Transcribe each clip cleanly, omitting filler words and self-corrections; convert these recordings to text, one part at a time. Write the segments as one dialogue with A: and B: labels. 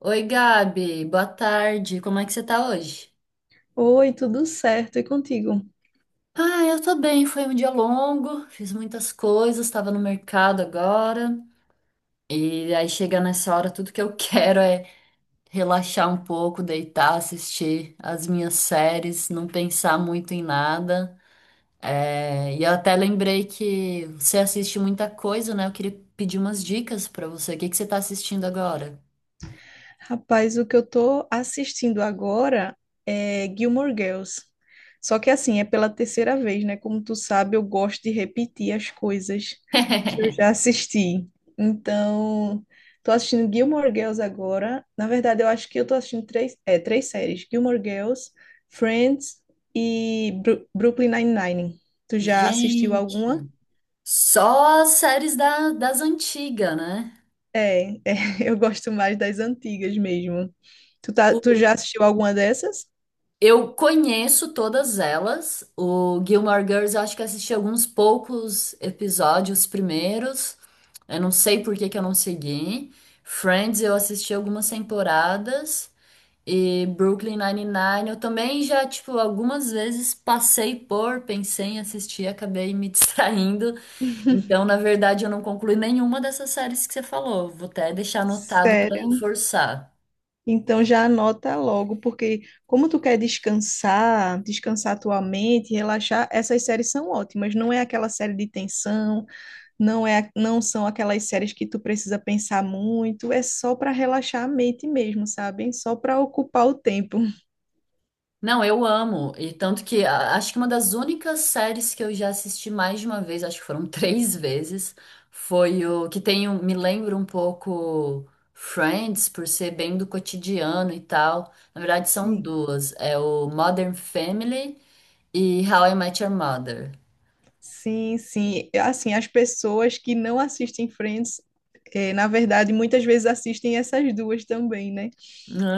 A: Oi, Gabi, boa tarde. Como é que você tá hoje?
B: Oi, tudo certo? E contigo?
A: Ah, eu tô bem. Foi um dia longo, fiz muitas coisas, tava no mercado agora. E aí chega nessa hora, tudo que eu quero é relaxar um pouco, deitar, assistir as minhas séries, não pensar muito em nada. É, e eu até lembrei que você assiste muita coisa, né? Eu queria pedir umas dicas pra você. O que que você tá assistindo agora?
B: Rapaz, o que eu tô assistindo agora é Gilmore Girls. Só que assim, é pela terceira vez, né? Como tu sabe, eu gosto de repetir as coisas que eu já assisti. Então, tô assistindo Gilmore Girls agora. Na verdade, eu acho que eu tô assistindo três, três séries: Gilmore Girls, Friends e Brooklyn Nine-Nine. Tu já assistiu alguma?
A: Gente. Só as séries da, das antigas, né?
B: É, é, eu gosto mais das antigas mesmo. Tu
A: O-
B: já assistiu alguma dessas?
A: eu conheço todas elas. O Gilmore Girls, eu acho que assisti alguns poucos episódios primeiros. Eu não sei por que que eu não segui. Friends, eu assisti algumas temporadas. E Brooklyn Nine-Nine, eu também já, tipo, algumas vezes passei por, pensei em assistir, acabei me distraindo. Então, na verdade, eu não concluí nenhuma dessas séries que você falou. Vou até deixar anotado para
B: Sério.
A: reforçar.
B: Então já anota logo, porque como tu quer descansar, descansar tua mente, relaxar, essas séries são ótimas. Não é aquela série de tensão, não são aquelas séries que tu precisa pensar muito, é só para relaxar a mente mesmo, sabe? Só para ocupar o tempo.
A: Não, eu amo. E tanto que acho que uma das únicas séries que eu já assisti mais de uma vez, acho que foram três vezes, foi o que tem, me lembra um pouco Friends, por ser bem do cotidiano e tal. Na verdade, são
B: Sim.
A: duas. É o Modern Family e How I Met Your Mother.
B: Sim, sim. É, assim, as pessoas que não assistem Friends, na verdade, muitas vezes assistem essas duas também, né?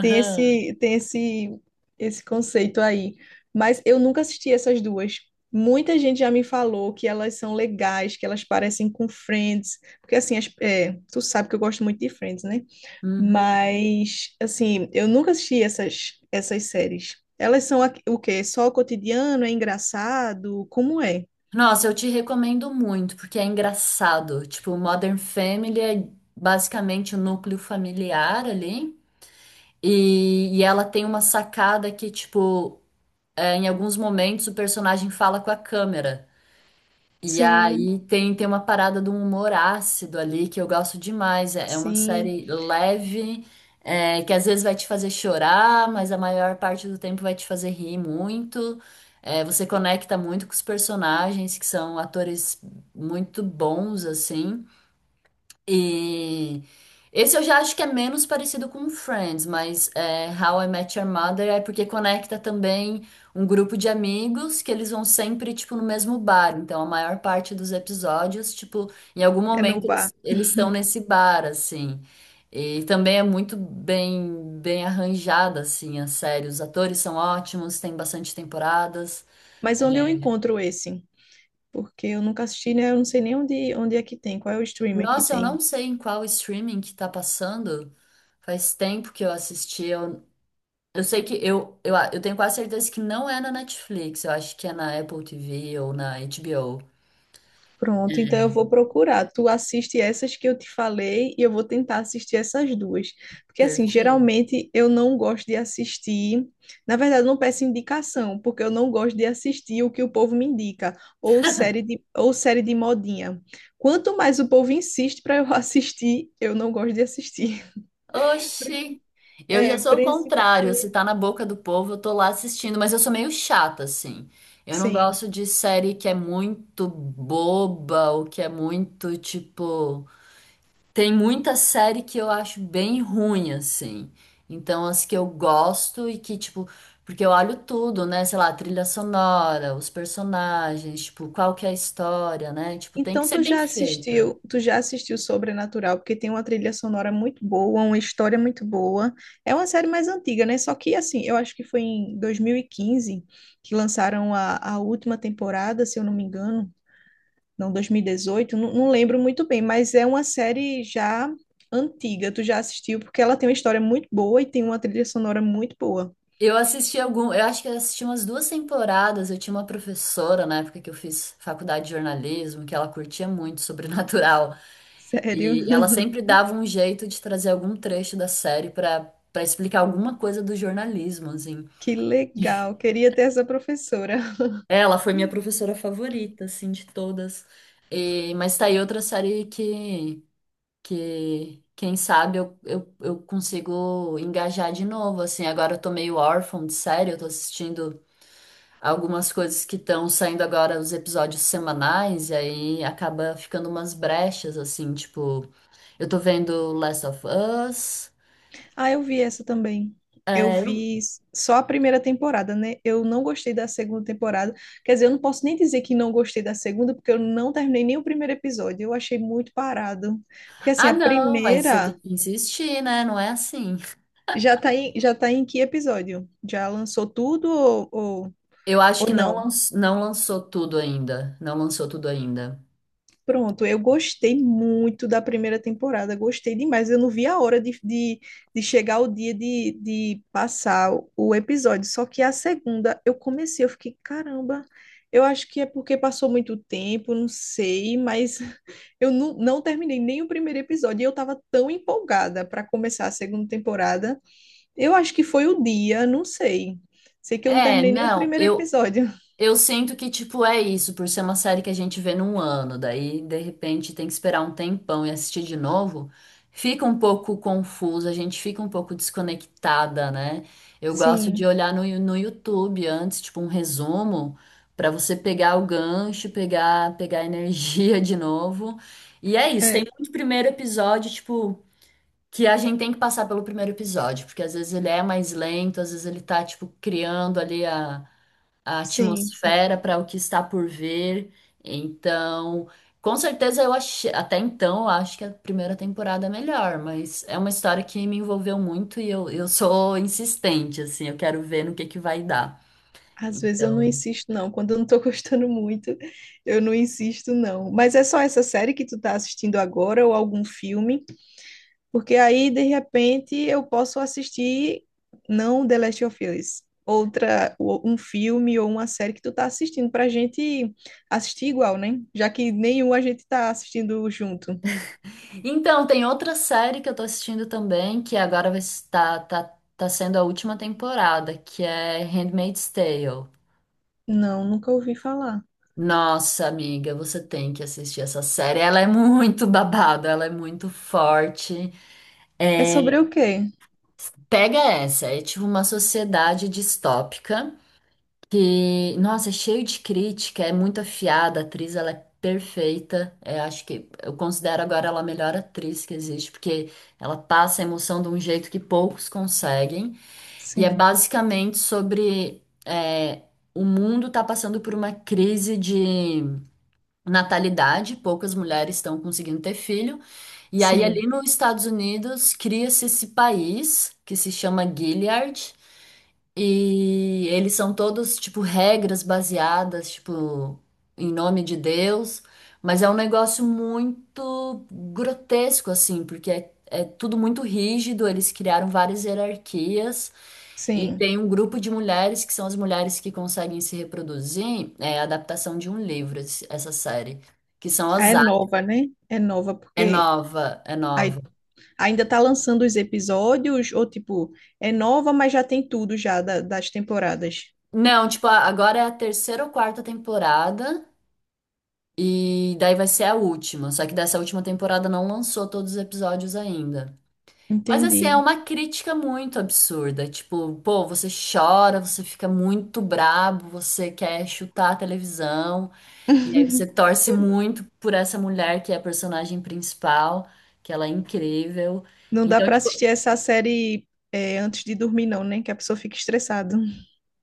B: Tem esse, tem esse, esse conceito aí. Mas eu nunca assisti essas duas. Muita gente já me falou que elas são legais, que elas parecem com Friends, porque assim, tu sabe que eu gosto muito de Friends, né?
A: Uhum.
B: Mas assim, eu nunca assisti essas séries. Elas são o quê? Só o cotidiano? É engraçado? Como é?
A: Nossa, eu te recomendo muito, porque é engraçado. Tipo, Modern Family é basicamente o núcleo familiar ali. E ela tem uma sacada que, tipo, é, em alguns momentos o personagem fala com a câmera. E
B: Sim.
A: aí tem, tem uma parada de um humor ácido ali que eu gosto demais. É, é uma
B: Sim,
A: série leve, é, que às vezes vai te fazer chorar, mas a maior parte do tempo vai te fazer rir muito. É, você conecta muito com os personagens, que são atores muito bons, assim. E esse eu já acho que é menos parecido com Friends, mas é, How I Met Your Mother é porque conecta também um grupo de amigos que eles vão sempre, tipo, no mesmo bar. Então, a maior parte dos episódios, tipo, em algum
B: é no
A: momento eles,
B: bar.
A: eles estão nesse bar, assim. E também é muito bem, bem arranjada, assim, a série. Os atores são ótimos, tem bastante temporadas.
B: Mas onde eu
A: É.
B: encontro esse? Porque eu nunca assisti, né? Eu não sei nem onde é que tem, qual é o streamer que
A: Nossa, eu não
B: tem.
A: sei em qual streaming que tá passando. Faz tempo que eu assisti, eu sei que eu, eu tenho quase certeza que não é na Netflix, eu acho que é na Apple TV ou na HBO.
B: Pronto, então eu vou procurar. Tu assiste essas que eu te falei e eu vou tentar assistir essas duas. Porque, assim,
A: Perfeito.
B: geralmente eu não gosto de assistir. Na verdade, eu não peço indicação, porque eu não gosto de assistir o que o povo me indica, ou série de modinha. Quanto mais o povo insiste para eu assistir, eu não gosto de assistir.
A: Oxi! Eu já
B: É,
A: sou o contrário, se
B: principalmente.
A: tá na boca do povo, eu tô lá assistindo, mas eu sou meio chata, assim. Eu não
B: Sim.
A: gosto de série que é muito boba ou que é muito, tipo. Tem muita série que eu acho bem ruim, assim. Então, as que eu gosto e que, tipo, porque eu olho tudo, né? Sei lá, a trilha sonora, os personagens, tipo, qual que é a história, né? Tipo, tem que
B: Então
A: ser bem feita.
B: tu já assistiu Sobrenatural, porque tem uma trilha sonora muito boa, uma história muito boa. É uma série mais antiga, né? Só que assim, eu acho que foi em 2015 que lançaram a última temporada, se eu não me engano, não, 2018, não, não lembro muito bem, mas é uma série já antiga. Tu já assistiu porque ela tem uma história muito boa e tem uma trilha sonora muito boa.
A: Eu assisti algum, eu acho que eu assisti umas duas temporadas. Eu tinha uma professora na época que eu fiz faculdade de jornalismo, que ela curtia muito sobrenatural.
B: Sério?
A: E ela sempre dava um jeito de trazer algum trecho da série para para explicar alguma coisa do jornalismo, assim.
B: Que legal. Queria ter essa professora.
A: Ela foi minha professora favorita, assim, de todas. Mas tá aí outra série que quem sabe, eu consigo engajar de novo, assim. Agora eu tô meio órfã de série, eu tô assistindo algumas coisas que estão saindo agora, os episódios semanais, e aí acaba ficando umas brechas, assim, tipo. Eu tô vendo Last of Us.
B: Ah, eu vi essa também. Eu
A: É,
B: vi só a primeira temporada, né? Eu não gostei da segunda temporada. Quer dizer, eu não posso nem dizer que não gostei da segunda, porque eu não terminei nem o primeiro episódio. Eu achei muito parado. Porque assim,
A: ah,
B: a
A: não, mas você tem
B: primeira
A: que insistir, né? Não é assim.
B: já tá em que episódio? Já lançou tudo
A: Eu acho
B: ou
A: que não,
B: não?
A: não lançou tudo ainda. Não lançou tudo ainda.
B: Pronto, eu gostei muito da primeira temporada, gostei demais. Eu não vi a hora de chegar o dia de passar o episódio. Só que a segunda eu comecei, eu fiquei, caramba, eu acho que é porque passou muito tempo, não sei, mas eu não, não terminei nem o primeiro episódio. E eu estava tão empolgada para começar a segunda temporada. Eu acho que foi o dia, não sei. Sei que eu não
A: É,
B: terminei nem o
A: não,
B: primeiro episódio.
A: eu sinto que, tipo, é isso, por ser uma série que a gente vê num ano, daí, de repente, tem que esperar um tempão e assistir de novo, fica um pouco confuso, a gente fica um pouco desconectada, né? Eu gosto de
B: Sim,
A: olhar no, no YouTube antes, tipo, um resumo, pra você pegar o gancho, pegar, pegar a energia de novo. E é isso, tem
B: é,
A: muito primeiro episódio, tipo. Que a gente tem que passar pelo primeiro episódio, porque às vezes ele é mais lento, às vezes ele tá, tipo, criando ali a
B: sim, sim.
A: atmosfera para o que está por vir. Então, com certeza eu achei, até então, eu acho que a primeira temporada é melhor, mas é uma história que me envolveu muito e eu sou insistente, assim, eu quero ver no que vai dar.
B: Às vezes eu não
A: Então,
B: insisto, não. Quando eu não tô gostando muito, eu não insisto, não. Mas é só essa série que tu tá assistindo agora ou algum filme? Porque aí, de repente, eu posso assistir, não The Last of Us, outra, ou um filme ou uma série que tu tá assistindo pra gente assistir igual, né? Já que nenhum a gente tá assistindo junto.
A: então, tem outra série que eu tô assistindo também, que agora vai estar, tá, tá sendo a última temporada, que é Handmaid's Tale.
B: Não, nunca ouvi falar.
A: Nossa, amiga, você tem que assistir essa série. Ela é muito babada, ela é muito forte.
B: É sobre o quê?
A: Pega essa, é tipo uma sociedade distópica que, nossa, é cheio de crítica, é muito afiada, a atriz ela é perfeita. Eu acho que eu considero agora ela a melhor atriz que existe, porque ela passa a emoção de um jeito que poucos conseguem. E é
B: Sim,
A: basicamente sobre é, o mundo tá passando por uma crise de natalidade, poucas mulheres estão conseguindo ter filho. E aí,
B: sim,
A: ali nos Estados Unidos, cria-se esse país que se chama Gilead. E eles são todos, tipo, regras baseadas, tipo, em nome de Deus, mas é um negócio muito grotesco, assim, porque é, é tudo muito rígido, eles criaram várias hierarquias, e
B: sim.
A: tem um grupo de mulheres que são as mulheres que conseguem se reproduzir, é a adaptação de um livro, essa série, que são
B: Ah,
A: as
B: é
A: A.
B: nova, né? É nova,
A: É
B: porque.
A: nova, é nova.
B: Aí ainda tá lançando os episódios, ou tipo, é nova, mas já tem tudo já das temporadas.
A: Não, tipo, agora é a terceira ou quarta temporada. E daí vai ser a última. Só que dessa última temporada não lançou todos os episódios ainda. Mas assim, é
B: Entendi.
A: uma crítica muito absurda. Tipo, pô, você chora, você fica muito brabo, você quer chutar a televisão, e aí você torce muito por essa mulher que é a personagem principal, que ela é incrível.
B: Não dá
A: Então,
B: pra
A: tipo,
B: assistir essa série, antes de dormir, não, né? Que a pessoa fica estressada.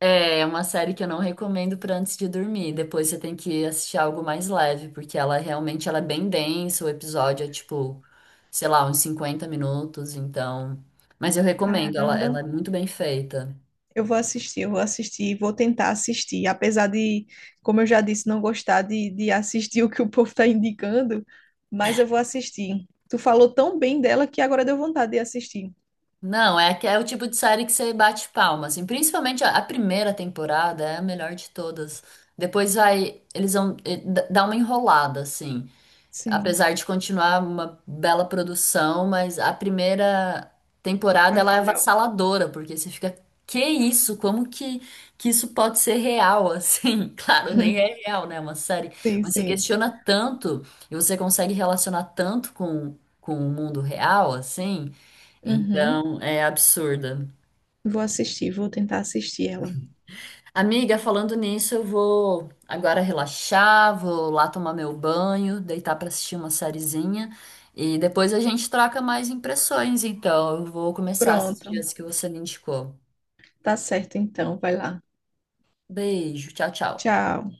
A: é, é uma série que eu não recomendo para antes de dormir. Depois você tem que assistir algo mais leve, porque ela realmente ela é bem densa, o episódio é tipo, sei lá, uns 50 minutos, então. Mas eu recomendo, ela é
B: Caramba.
A: muito bem feita.
B: Eu vou assistir, vou tentar assistir. Apesar de, como eu já disse, não gostar de assistir o que o povo tá indicando, mas eu vou assistir. Tu falou tão bem dela que agora deu vontade de assistir.
A: Não, é, é o tipo de série que você bate palma, assim. Principalmente a primeira temporada é a melhor de todas. Depois vai, eles vão dar uma enrolada, assim.
B: Sim,
A: Apesar de continuar uma bela produção, mas a primeira
B: é
A: temporada ela é
B: melhor.
A: avassaladora, porque você fica, que isso? Como que isso pode ser real assim? Claro, nem é real, né? É uma série,
B: Sim,
A: mas você
B: sim.
A: questiona tanto e você consegue relacionar tanto com o mundo real assim.
B: Uhum.
A: Então, é absurda.
B: Vou assistir, vou tentar assistir ela.
A: Amiga, falando nisso, eu vou agora relaxar, vou lá tomar meu banho, deitar pra assistir uma sériezinha e depois a gente troca mais impressões. Então, eu vou começar a
B: Pronto,
A: assistir as que você me indicou.
B: tá certo então, vai lá.
A: Beijo, tchau, tchau.
B: Tchau.